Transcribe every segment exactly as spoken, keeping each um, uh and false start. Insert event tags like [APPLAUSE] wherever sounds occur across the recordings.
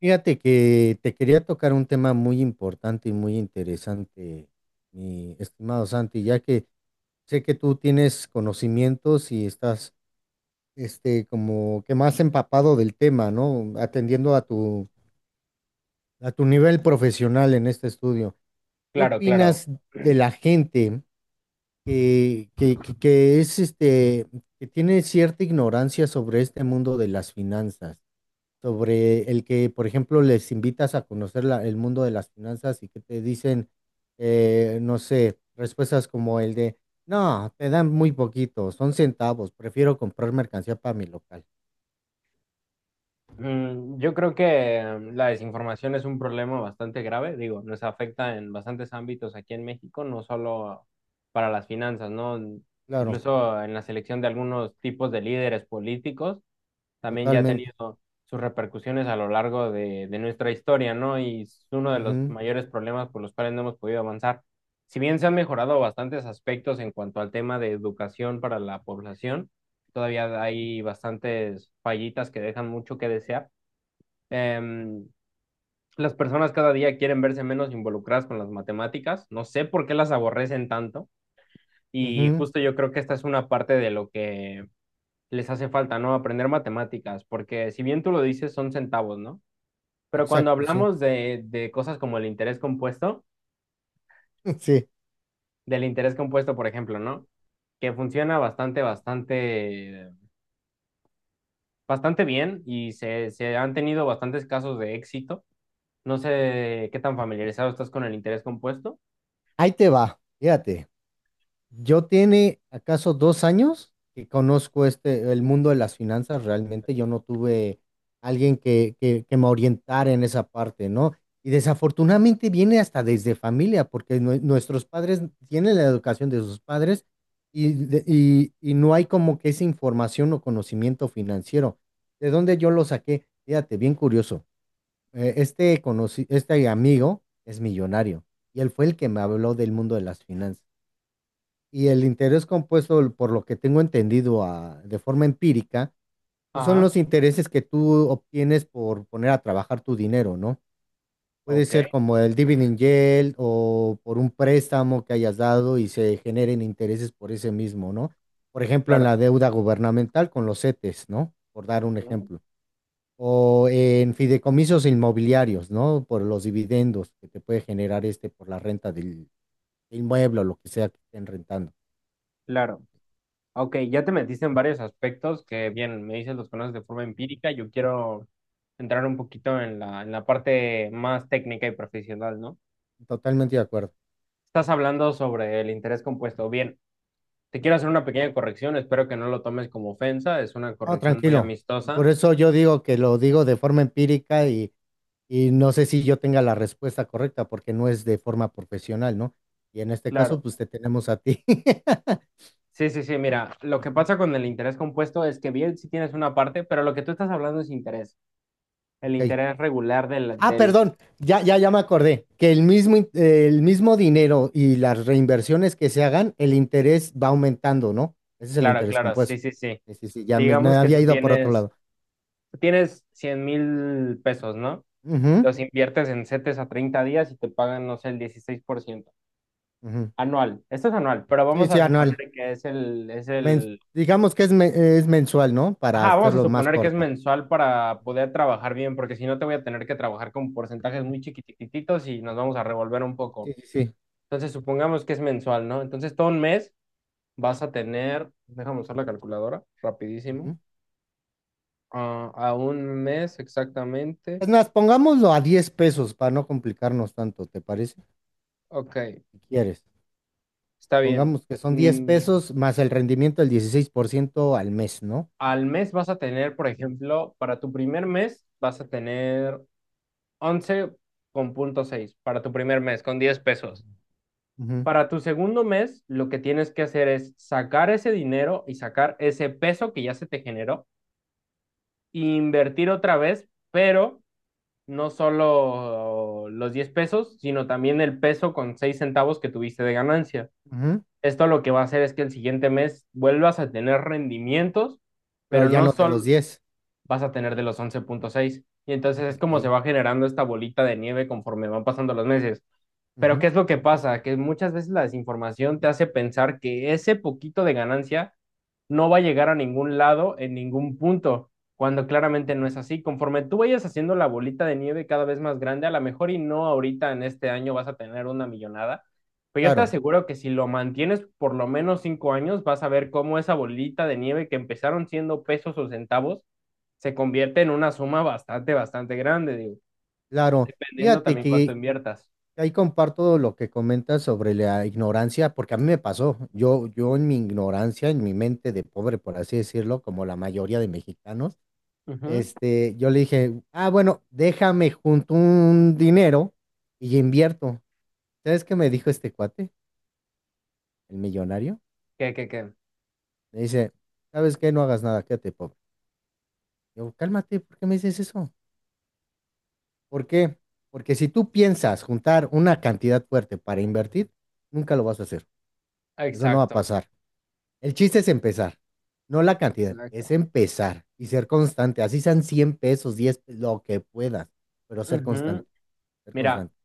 Fíjate que te quería tocar un tema muy importante y muy interesante, mi estimado Santi, ya que sé que tú tienes conocimientos y estás, este, como que más empapado del tema, ¿no? Atendiendo a tu, a tu nivel profesional en este estudio. ¿Qué Claro, claro. opinas de la gente que, que, que que es, este, que tiene cierta ignorancia sobre este mundo de las finanzas? Sobre el que, por ejemplo, les invitas a conocer la- el mundo de las finanzas y que te dicen, eh, no sé, respuestas como el de, no, te dan muy poquito, son centavos, prefiero comprar mercancía para mi local. Mm, yo creo que eh, la desinformación es un problema bastante grave, digo, nos afecta en bastantes ámbitos aquí en México, no solo para las finanzas, ¿no? Claro, Incluso en la selección de algunos tipos de líderes políticos, también ya ha totalmente. tenido sus repercusiones a lo largo de, de nuestra historia, ¿no? Y es uno de los Ujú, mayores problemas por los cuales no hemos podido avanzar. Si bien se han mejorado bastantes aspectos en cuanto al tema de educación para la población, todavía hay bastantes fallitas que dejan mucho que desear. Em, las personas cada día quieren verse menos involucradas con las matemáticas, no sé por qué las aborrecen tanto. Y ujú, justo yo creo que esta es una parte de lo que les hace falta, ¿no? Aprender matemáticas, porque si bien tú lo dices, son centavos, ¿no? Pero cuando exacto, sí. hablamos de, de cosas como el interés compuesto, [LAUGHS] Sí, del interés compuesto, por ejemplo, ¿no? Que funciona bastante, bastante, bastante bien y se, se han tenido bastantes casos de éxito. No sé qué tan familiarizado estás con el interés compuesto. ahí te va, fíjate. Yo tiene acaso dos años que conozco este, el mundo de las finanzas, realmente yo no tuve alguien que, que, que me orientara en esa parte, ¿no? Y desafortunadamente viene hasta desde familia, porque nue- nuestros padres tienen la educación de sus padres y, de- y, y no hay como que esa información o conocimiento financiero. ¿De dónde yo lo saqué? Fíjate, bien curioso. Eh, este, conocí, este amigo es millonario y él fue el que me habló del mundo de las finanzas. Y el interés compuesto, por lo que tengo entendido a- de forma empírica, pues son Ajá. los intereses que tú obtienes por poner a trabajar tu dinero, ¿no? Puede Ok. ser como el dividend yield o por un préstamo que hayas dado y se generen intereses por ese mismo, ¿no? Por ejemplo, en Claro. la deuda gubernamental con los CETES, ¿no? Por dar un Ujú. ejemplo. O en fideicomisos inmobiliarios, ¿no? Por los dividendos que te puede generar este por la renta del inmueble o lo que sea que estén rentando. Claro. Ok, ya te metiste en varios aspectos que, bien, me dices los conoces de forma empírica. Yo quiero entrar un poquito en la, en la parte más técnica y profesional, ¿no? Totalmente de acuerdo. Estás hablando sobre el interés compuesto. Bien, te quiero hacer una pequeña corrección. Espero que no lo tomes como ofensa. Es una No, corrección muy tranquilo. Por amistosa. eso yo digo que lo digo de forma empírica y, y no sé si yo tenga la respuesta correcta porque no es de forma profesional, ¿no? Y en este caso, Claro. pues te tenemos a ti. [LAUGHS] Sí, sí, sí. Mira, lo que Ujú, pasa con el interés compuesto es que, bien, sí tienes una parte, pero lo que tú estás hablando es interés. El Ok. interés regular del, Ah, del... perdón, ya, ya, ya me acordé que el mismo, in- eh, el mismo dinero y las reinversiones que se hagan, el interés va aumentando, ¿no? Ese es el Claro, interés claro. Sí, compuesto. sí, sí. Sí, sí, sí, ya me, me Digamos que había tú ido por otro tienes. lado. tienes cien mil pesos, ¿no? Ujú, Los inviertes en CETES a treinta días y te pagan, no sé, el dieciséis por ciento ujú. anual. Esto es anual, pero Sí, vamos a sí, suponer anual. que es el, es men- el... digamos que es, me- es mensual, ¿no? Para Ajá, vamos a hacerlo más suponer que es corto. mensual para poder trabajar bien, porque si no te voy a tener que trabajar con porcentajes muy chiquititos y nos vamos a revolver un Sí, poco. sí, sí. Entonces, supongamos que es mensual, ¿no? Entonces, todo un mes vas a tener, déjame usar la calculadora, rapidísimo. Ujú. Ah, a un mes exactamente. Es más, pongámoslo a diez pesos para no complicarnos tanto, ¿te parece? Ok, Si quieres. está bien. Pongamos que son diez Mm, pesos más el rendimiento del dieciséis por ciento al mes, ¿no? Al mes vas a tener, por ejemplo, para tu primer mes vas a tener once coma seis para tu primer mes con diez pesos. Ujú, Para tu segundo mes, lo que tienes que hacer es sacar ese dinero y sacar ese peso que ya se te generó e invertir otra vez, pero no solo los diez pesos, sino también el peso con seis centavos que tuviste de ganancia. ujú. Esto lo que va a hacer es que el siguiente mes vuelvas a tener rendimientos, Pero pero ya no no de los solo, diez. vas a tener de los once punto seis. Y entonces es como se Ok. va generando esta bolita de nieve conforme van pasando los meses. Pero ¿qué Ujú, es lo que pasa? Que muchas veces la desinformación te hace pensar que ese poquito de ganancia no va a llegar a ningún lado en ningún punto, cuando claramente no es ujú. así. Conforme tú vayas haciendo la bolita de nieve cada vez más grande, a lo mejor y no ahorita en este año vas a tener una millonada, pero yo te Claro, aseguro que si lo mantienes por lo menos cinco años, vas a ver cómo esa bolita de nieve que empezaron siendo pesos o centavos se convierte en una suma bastante, bastante grande, digo, claro. dependiendo Fíjate también cuánto que inviertas. ahí comparto lo que comentas sobre la ignorancia, porque a mí me pasó. Yo, yo en mi ignorancia, en mi mente de pobre, por así decirlo, como la mayoría de mexicanos, Ujú. este, yo le dije, ah, bueno, déjame junto un dinero y invierto. ¿Sabes qué me dijo este cuate, el millonario? ¿Qué, qué, qué? Me dice, ¿sabes qué? No hagas nada, quédate pobre. Yo, cálmate, ¿por qué me dices eso? ¿Por qué? Porque si tú piensas juntar una cantidad fuerte para invertir, nunca lo vas a hacer. Eso no va a Exacto, pasar. El chiste es empezar, no la cantidad, es exacto. empezar y ser constante. Así sean cien pesos, diez pe- lo que puedas, pero ser Ujú. constante, ser Mira, constante.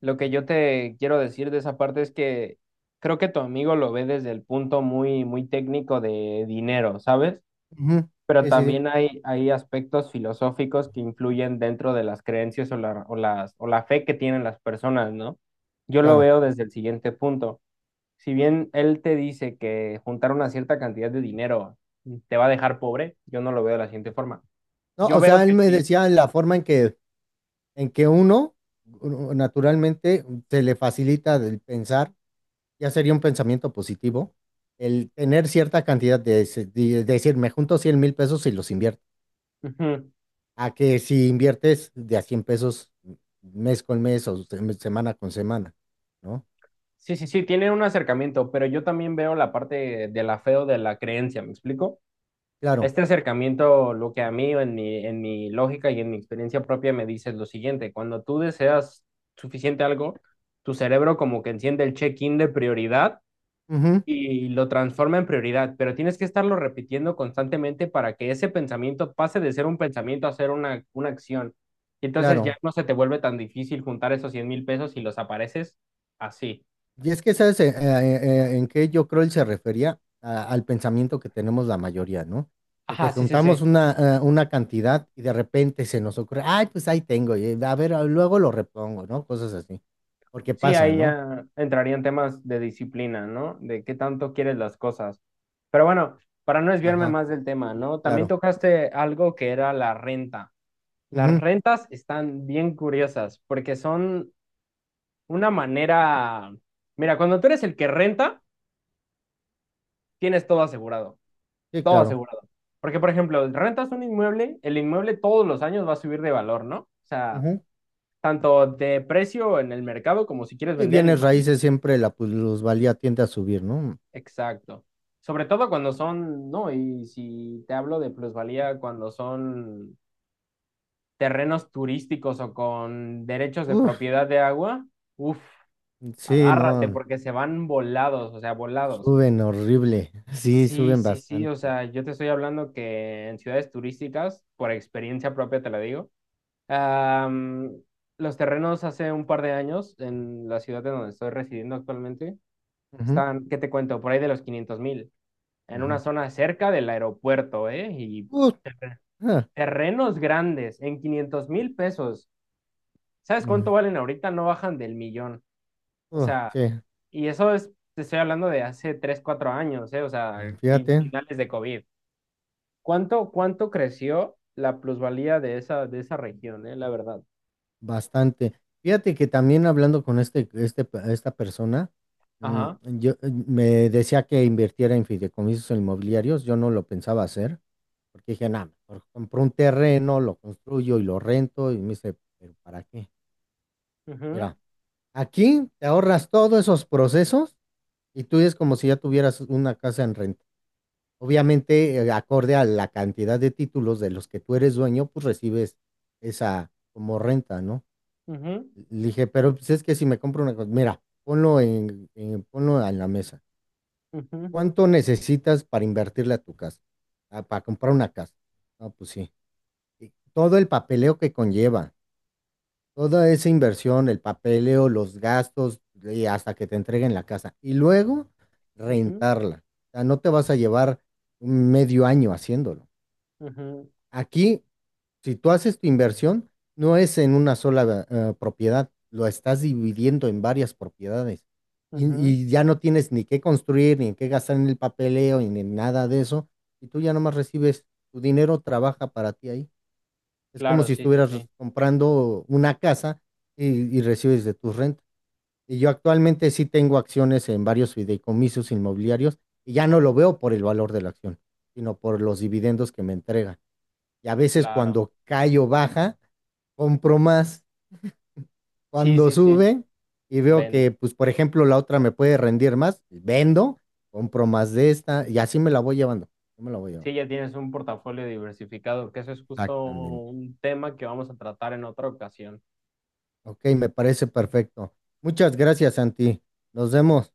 lo que yo te quiero decir de esa parte es que creo que tu amigo lo ve desde el punto muy, muy técnico de dinero, ¿sabes? Ujú, Pero sí, sí, sí, también hay, hay aspectos filosóficos que influyen dentro de las creencias o la, o las, o la fe que tienen las personas, ¿no? Yo lo claro. veo desde el siguiente punto. Si bien él te dice que juntar una cierta cantidad de dinero te va a dejar pobre, yo no lo veo de la siguiente forma. No, Yo o veo sea, él que me sí. decía la forma en que, en que uno uno naturalmente se le facilita el pensar, ya sería un pensamiento positivo, el tener cierta cantidad de, ese- de decir, me junto cien mil pesos y los invierto. A que si inviertes de a cien pesos mes con mes o se- semana con semana, ¿no? Sí, sí, sí, tienen un acercamiento, pero yo también veo la parte del afeo de la creencia, ¿me explico? Claro, Este acercamiento, lo que a mí, en mi, en mi lógica y en mi experiencia propia, me dice es lo siguiente, cuando tú deseas suficiente algo, tu cerebro como que enciende el check-in de prioridad ujú, y lo transforma en prioridad, pero tienes que estarlo repitiendo constantemente para que ese pensamiento pase de ser un pensamiento a ser una, una acción. Y entonces ya claro. no se te vuelve tan difícil juntar esos cien mil pesos y los apareces así. Y es que sabes, eh, eh, eh, en qué yo creo él se refería A- al pensamiento que tenemos la mayoría, ¿no? De que Ajá, sí, sí, juntamos sí. una, eh, una cantidad y de repente se nos ocurre, ay, pues ahí tengo, y a ver, ah, luego lo repongo, ¿no? Cosas así. Porque Sí, pasa, ahí ¿no? ya entrarían temas de disciplina, ¿no? De qué tanto quieres las cosas. Pero bueno, para no desviarme Ajá, más del tema, ¿no? También claro. tocaste algo que era la renta. Las Ujú, rentas están bien curiosas porque son una manera. Mira, cuando tú eres el que renta, tienes todo asegurado, sí, todo claro. asegurado. Porque, por ejemplo, rentas un inmueble, el inmueble todos los años va a subir de valor, ¿no? O sea, Ujú. tanto de precio en el mercado como si quieres Y vender el bienes inmueble. raíces siempre la plusvalía tiende a subir, ¿no? Exacto. Sobre todo cuando son, no, y si te hablo de plusvalía, cuando son terrenos turísticos o con derechos de Uf, propiedad de agua, uff, sí, agárrate no, porque se van volados, o sea, volados. suben horrible. [LAUGHS] Sí, Sí, suben sí, sí, o bastante. sea, yo te estoy hablando que en ciudades turísticas, por experiencia propia te lo digo, am, los terrenos hace un par de años en la ciudad en donde estoy residiendo actualmente, Ujú, están, ¿qué te cuento? Por ahí de los quinientos mil, en una ujú. zona cerca del aeropuerto, ¿eh? Y Uh, ah, terrenos grandes en quinientos mil pesos. ¿Sabes mm, cuánto valen ahorita? No bajan del millón. O uh, sea, sí, y eso es, te estoy hablando de hace tres cuatro años, ¿eh? O sea, mm, fin- fíjate, finales de COVID. ¿Cuánto, cuánto creció la plusvalía de esa, de esa región, eh? La verdad. bastante. Fíjate que también hablando con este, este, pe- esta persona, mm, Ajá. yo eh, me decía que invirtiera en fideicomisos inmobiliarios. Yo no lo pensaba hacer, porque dije, nada, mejor compro un terreno, lo construyo y lo rento. Y me dice, ¿pero para qué? Ujú, Mira, aquí te ahorras todos esos procesos. Y tú es como si ya tuvieras una casa en renta. Obviamente, eh, acorde a la cantidad de títulos de los que tú eres dueño, pues recibes esa como renta, ¿no? ujú, Le dije, pero pues es que si me compro una cosa, mira, ponlo en, en- ponlo en la mesa. ujú, ¿Cuánto necesitas para invertirle a tu casa? Ah, para comprar una casa. Ah, pues sí. Y todo el papeleo que conlleva. Toda esa inversión, el papeleo, los gastos, y hasta que te entreguen la casa. Y luego ujú, rentarla. O sea, no te vas a llevar medio año haciéndolo. ujú, Aquí, si tú haces tu inversión, no es en una sola eh, propiedad, lo estás dividiendo en varias propiedades. Y, ujú. y ya no tienes ni qué construir, ni en qué gastar en el papeleo, ni en nada de eso. Y tú ya nomás recibes tu dinero, trabaja para ti ahí. Es como Claro, si sí, sí, estuvieras sí. comprando una casa y, y recibes de tus rentas. Y yo actualmente sí tengo acciones en varios fideicomisos inmobiliarios y ya no lo veo por el valor de la acción, sino por los dividendos que me entregan. Y a veces Claro. cuando cae o baja, compro más. Sí, Cuando sí, sí. sube y veo que, Vendo. pues, por ejemplo, la otra me puede rendir más, vendo, compro más de esta y así me la voy llevando. Yo me la voy llevando. Sí, ya tienes un portafolio diversificado, que eso es justo Exactamente. un tema que vamos a tratar en otra ocasión. Ok, me parece perfecto. Muchas gracias, Santi. Nos vemos.